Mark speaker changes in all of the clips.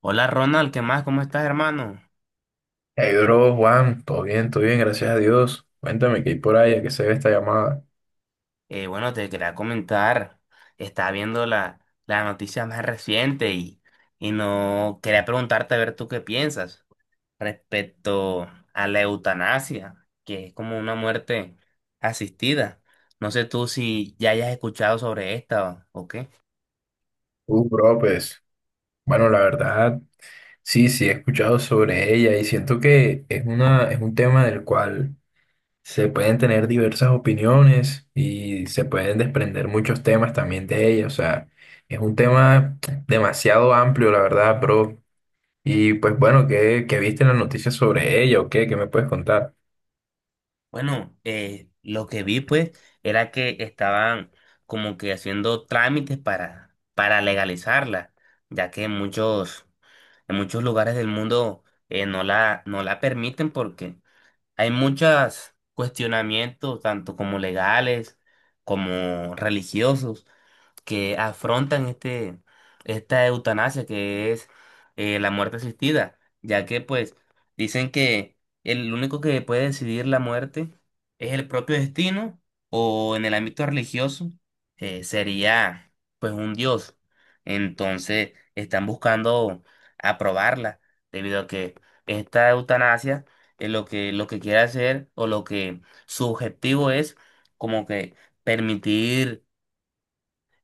Speaker 1: Hola Ronald, ¿qué más? ¿Cómo estás, hermano?
Speaker 2: Hey, bro, Juan, todo bien, gracias a Dios. Cuéntame qué hay por ahí, a qué se ve esta llamada.
Speaker 1: Bueno, te quería comentar, estaba viendo la noticia más reciente y no quería preguntarte a ver tú qué piensas respecto a la eutanasia, que es como una muerte asistida. No sé tú si ya hayas escuchado sobre esta o qué.
Speaker 2: Bro, pues, bueno, la verdad, sí, he escuchado sobre ella y siento que es un tema del cual se pueden tener diversas opiniones y se pueden desprender muchos temas también de ella. O sea, es un tema demasiado amplio, la verdad, bro. Y pues bueno, ¿ qué viste en las noticias sobre ella o qué? ¿Qué me puedes contar?
Speaker 1: Bueno, lo que vi pues era que estaban como que haciendo trámites para legalizarla, ya que muchos. En muchos lugares del mundo no no la permiten porque hay muchos cuestionamientos, tanto como legales como religiosos, que afrontan esta eutanasia que es la muerte asistida, ya que pues dicen que el único que puede decidir la muerte es el propio destino o en el ámbito religioso, sería pues un dios. Entonces están buscando aprobarla debido a que esta eutanasia, lo que quiere hacer o lo que su objetivo es como que permitir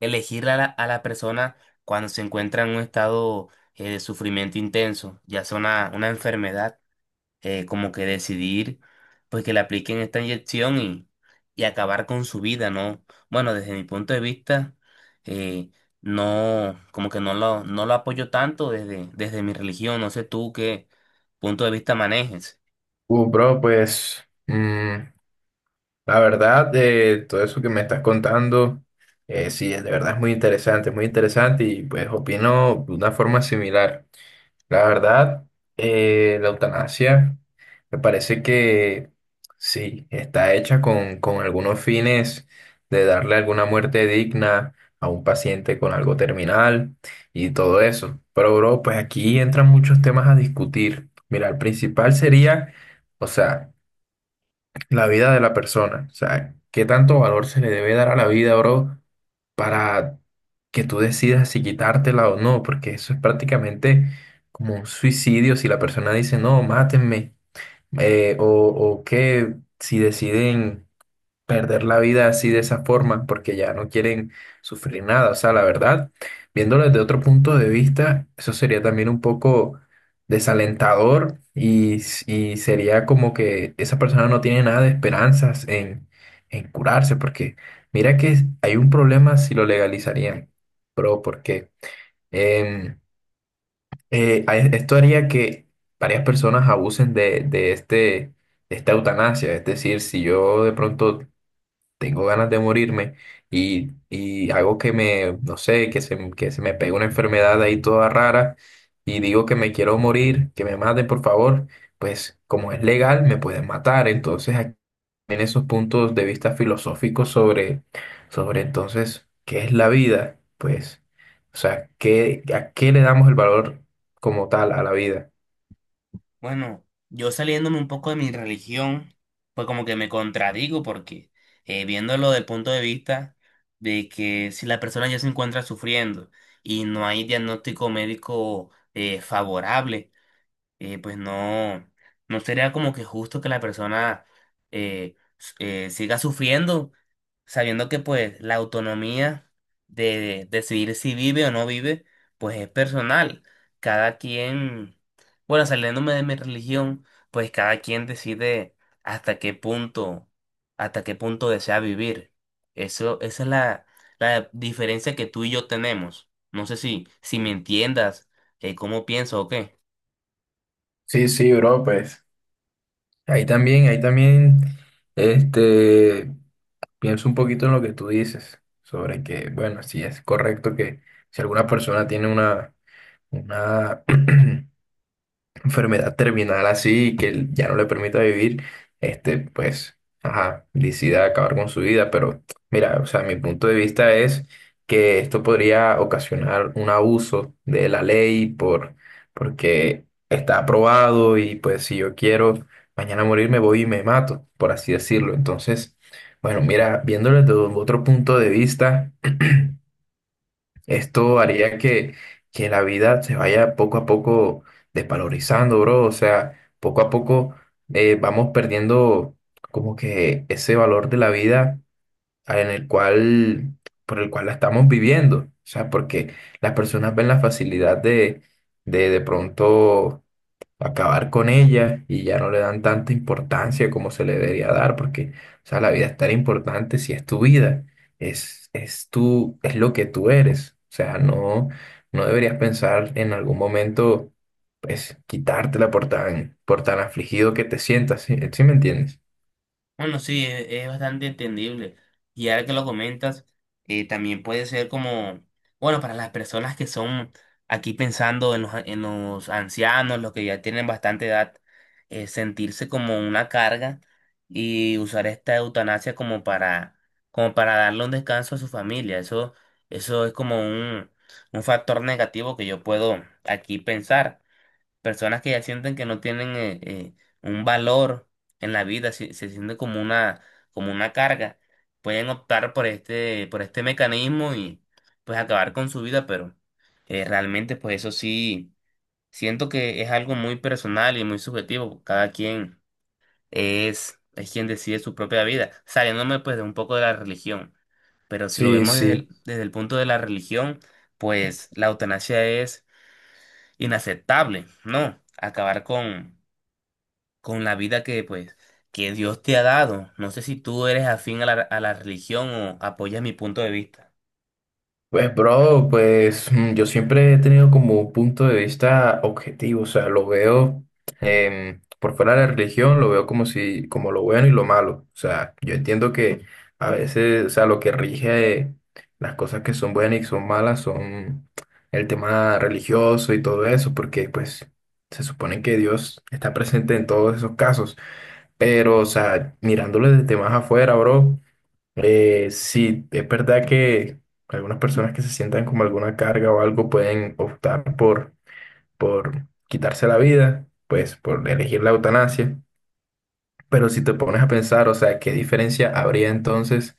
Speaker 1: elegir a a la persona cuando se encuentra en un estado de sufrimiento intenso, ya sea una enfermedad, como que decidir pues que le apliquen esta inyección y acabar con su vida, ¿no? Bueno, desde mi punto de vista, eh, no, como que no lo apoyo tanto desde mi religión, no sé tú qué punto de vista manejes.
Speaker 2: Bro, pues. La verdad, de todo eso que me estás contando, sí, de verdad es muy interesante y pues opino de una forma similar. La verdad, la eutanasia me parece que sí, está hecha con algunos fines de darle alguna muerte digna a un paciente con algo terminal y todo eso. Pero bro, pues aquí entran muchos temas a discutir. Mira, el principal sería, o sea, la vida de la persona. O sea, qué tanto valor se le debe dar a la vida, bro, para que tú decidas si quitártela o no, porque eso es prácticamente como un suicidio si la persona dice, no, mátenme, o que si deciden perder la vida así de esa forma porque ya no quieren sufrir nada. O sea, la verdad, viéndolo desde otro punto de vista, eso sería también un poco desalentador y, y sería como que esa persona no tiene nada de esperanzas en curarse porque mira que hay un problema si lo legalizarían, pero porque em, esto haría que varias personas abusen de este... de esta eutanasia, es decir, si yo de pronto tengo ganas de morirme y hago que me, no sé, que se me pegue una enfermedad ahí toda rara y digo que me quiero morir, que me maten, por favor, pues como es legal, me pueden matar. Entonces, aquí en esos puntos de vista filosóficos sobre entonces, ¿qué es la vida? Pues, o sea, ¿ a qué le damos el valor como tal a la vida?
Speaker 1: Bueno, yo saliéndome un poco de mi religión, pues como que me contradigo porque, viéndolo del punto de vista de que si la persona ya se encuentra sufriendo y no hay diagnóstico médico favorable, pues no, no sería como que justo que la persona siga sufriendo sabiendo que pues la autonomía de decidir si vive o no vive, pues es personal. Cada quien, bueno, saliéndome de mi religión, pues cada quien decide hasta qué punto, hasta qué punto desea vivir. Eso, esa es la diferencia que tú y yo tenemos. No sé si me entiendas, cómo pienso o qué.
Speaker 2: Sí, bro, pues. Ahí también, este. Pienso un poquito en lo que tú dices, sobre que, bueno, sí es correcto que si alguna persona tiene una enfermedad terminal así que él ya no le permita vivir, este, pues, ajá, decida acabar con su vida. Pero mira, o sea, mi punto de vista es que esto podría ocasionar un abuso de la ley porque está aprobado y pues si yo quiero mañana morirme voy y me mato, por así decirlo. Entonces, bueno, mira, viéndolo desde otro punto de vista. Esto haría que la vida se vaya poco a poco desvalorizando, bro. O sea, poco a poco vamos perdiendo como que ese valor de la vida en el cual, por el cual la estamos viviendo. O sea, porque las personas ven la facilidad de pronto acabar con ella y ya no le dan tanta importancia como se le debería dar, porque, o sea, la vida es tan importante si es tu vida, es tú, es lo que tú eres. O sea, no, no deberías pensar en algún momento, pues, quitártela por tan afligido que te sientas, ¿sí? ¿Sí me entiendes?
Speaker 1: Bueno, sí, es bastante entendible. Y ahora que lo comentas, también puede ser como, bueno, para las personas que son, aquí pensando en en los ancianos, los que ya tienen bastante edad, sentirse como una carga y usar esta eutanasia como como para darle un descanso a su familia. Eso es como un factor negativo que yo puedo aquí pensar, personas que ya sienten que no tienen un valor en la vida, siente como una carga, pueden optar por por este mecanismo y pues acabar con su vida, pero realmente pues eso sí, siento que es algo muy personal y muy subjetivo, cada quien es quien decide su propia vida, saliéndome pues de un poco de la religión, pero si lo
Speaker 2: Sí,
Speaker 1: vemos desde
Speaker 2: sí.
Speaker 1: desde el punto de la religión, pues la eutanasia es inaceptable, ¿no? Acabar con la vida que, pues, que Dios te ha dado. No sé si tú eres afín a a la religión o apoyas mi punto de vista,
Speaker 2: Pues, bro, pues yo siempre he tenido como un punto de vista objetivo, o sea, lo veo por fuera de la religión, lo veo como si, como lo bueno y lo malo. O sea, yo entiendo que a veces, o sea, lo que rige las cosas que son buenas y son malas son el tema religioso y todo eso, porque pues se supone que Dios está presente en todos esos casos. Pero, o sea, mirándolo desde más afuera, bro. Sí, es verdad que algunas personas que se sientan como alguna carga o algo pueden optar por quitarse la vida, pues por elegir la eutanasia. Pero si te pones a pensar, o sea, ¿qué diferencia habría entonces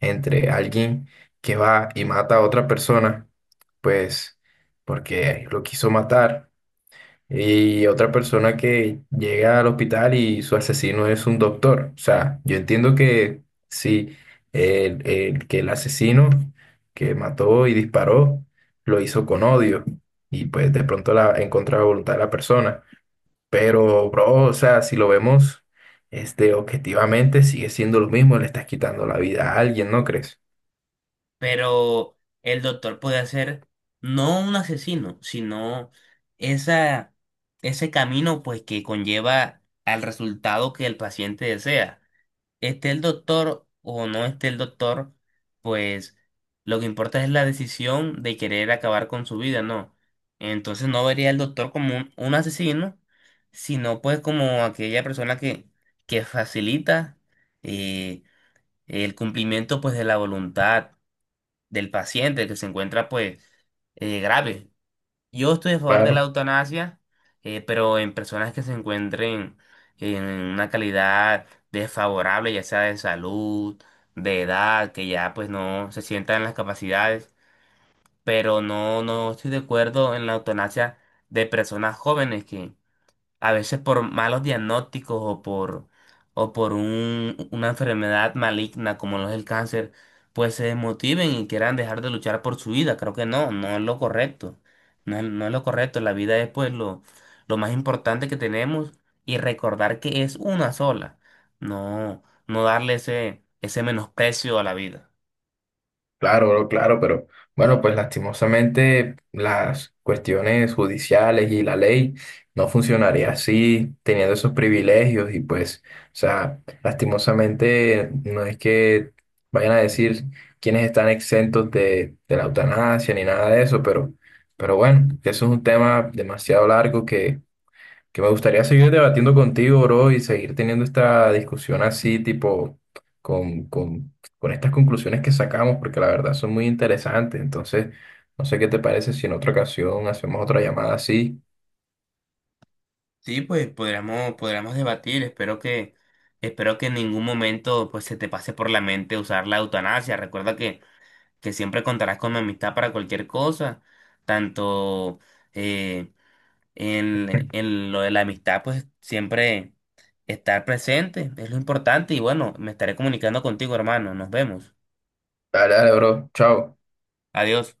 Speaker 2: entre alguien que va y mata a otra persona, pues porque lo quiso matar? Y otra persona que llega al hospital y su asesino es un doctor. O sea, yo entiendo que sí, que el asesino que mató y disparó lo hizo con odio y pues de pronto en contra de la voluntad de la persona. Pero, bro, o sea, si lo vemos este, objetivamente, sigue siendo lo mismo, le estás quitando la vida a alguien, ¿no crees?
Speaker 1: pero el doctor puede ser no un asesino, sino esa, ese camino, pues, que conlleva al resultado que el paciente desea. Esté el doctor o no esté el doctor, pues lo que importa es la decisión de querer acabar con su vida, ¿no? Entonces no vería al doctor como un asesino, sino pues como aquella persona que facilita eh, el cumplimiento pues de la voluntad del paciente que se encuentra pues grave. Yo estoy a favor de la
Speaker 2: Claro.
Speaker 1: eutanasia, pero en personas que se encuentren en una calidad desfavorable, ya sea de salud, de edad, que ya pues no se sientan en las capacidades, pero no, no estoy de acuerdo en la eutanasia de personas jóvenes a veces por malos diagnósticos o por una enfermedad maligna como lo es el cáncer, pues se desmotiven y quieran dejar de luchar por su vida. Creo que no, no es lo correcto. No es lo correcto. La vida es pues lo más importante que tenemos y recordar que es una sola. No, no darle ese menosprecio a la vida.
Speaker 2: Claro, bro, claro, pero bueno, pues lastimosamente las cuestiones judiciales y la ley no funcionaría así, teniendo esos privilegios y pues, o sea, lastimosamente no es que vayan a decir quiénes están exentos de la eutanasia ni nada de eso, pero bueno, eso es un tema demasiado largo que me gustaría seguir debatiendo contigo, bro, y seguir teniendo esta discusión así, tipo, con, con, con estas conclusiones que sacamos, porque la verdad son muy interesantes. Entonces, no sé qué te parece si en otra ocasión hacemos otra llamada así.
Speaker 1: Sí, pues podríamos, podríamos debatir. Espero que en ningún momento pues se te pase por la mente usar la eutanasia. Recuerda que siempre contarás con mi amistad para cualquier cosa, tanto eh, en lo de la amistad, pues siempre estar presente es lo importante y bueno, me estaré comunicando contigo, hermano, nos vemos.
Speaker 2: Dale, dale, bro. Chao.
Speaker 1: Adiós.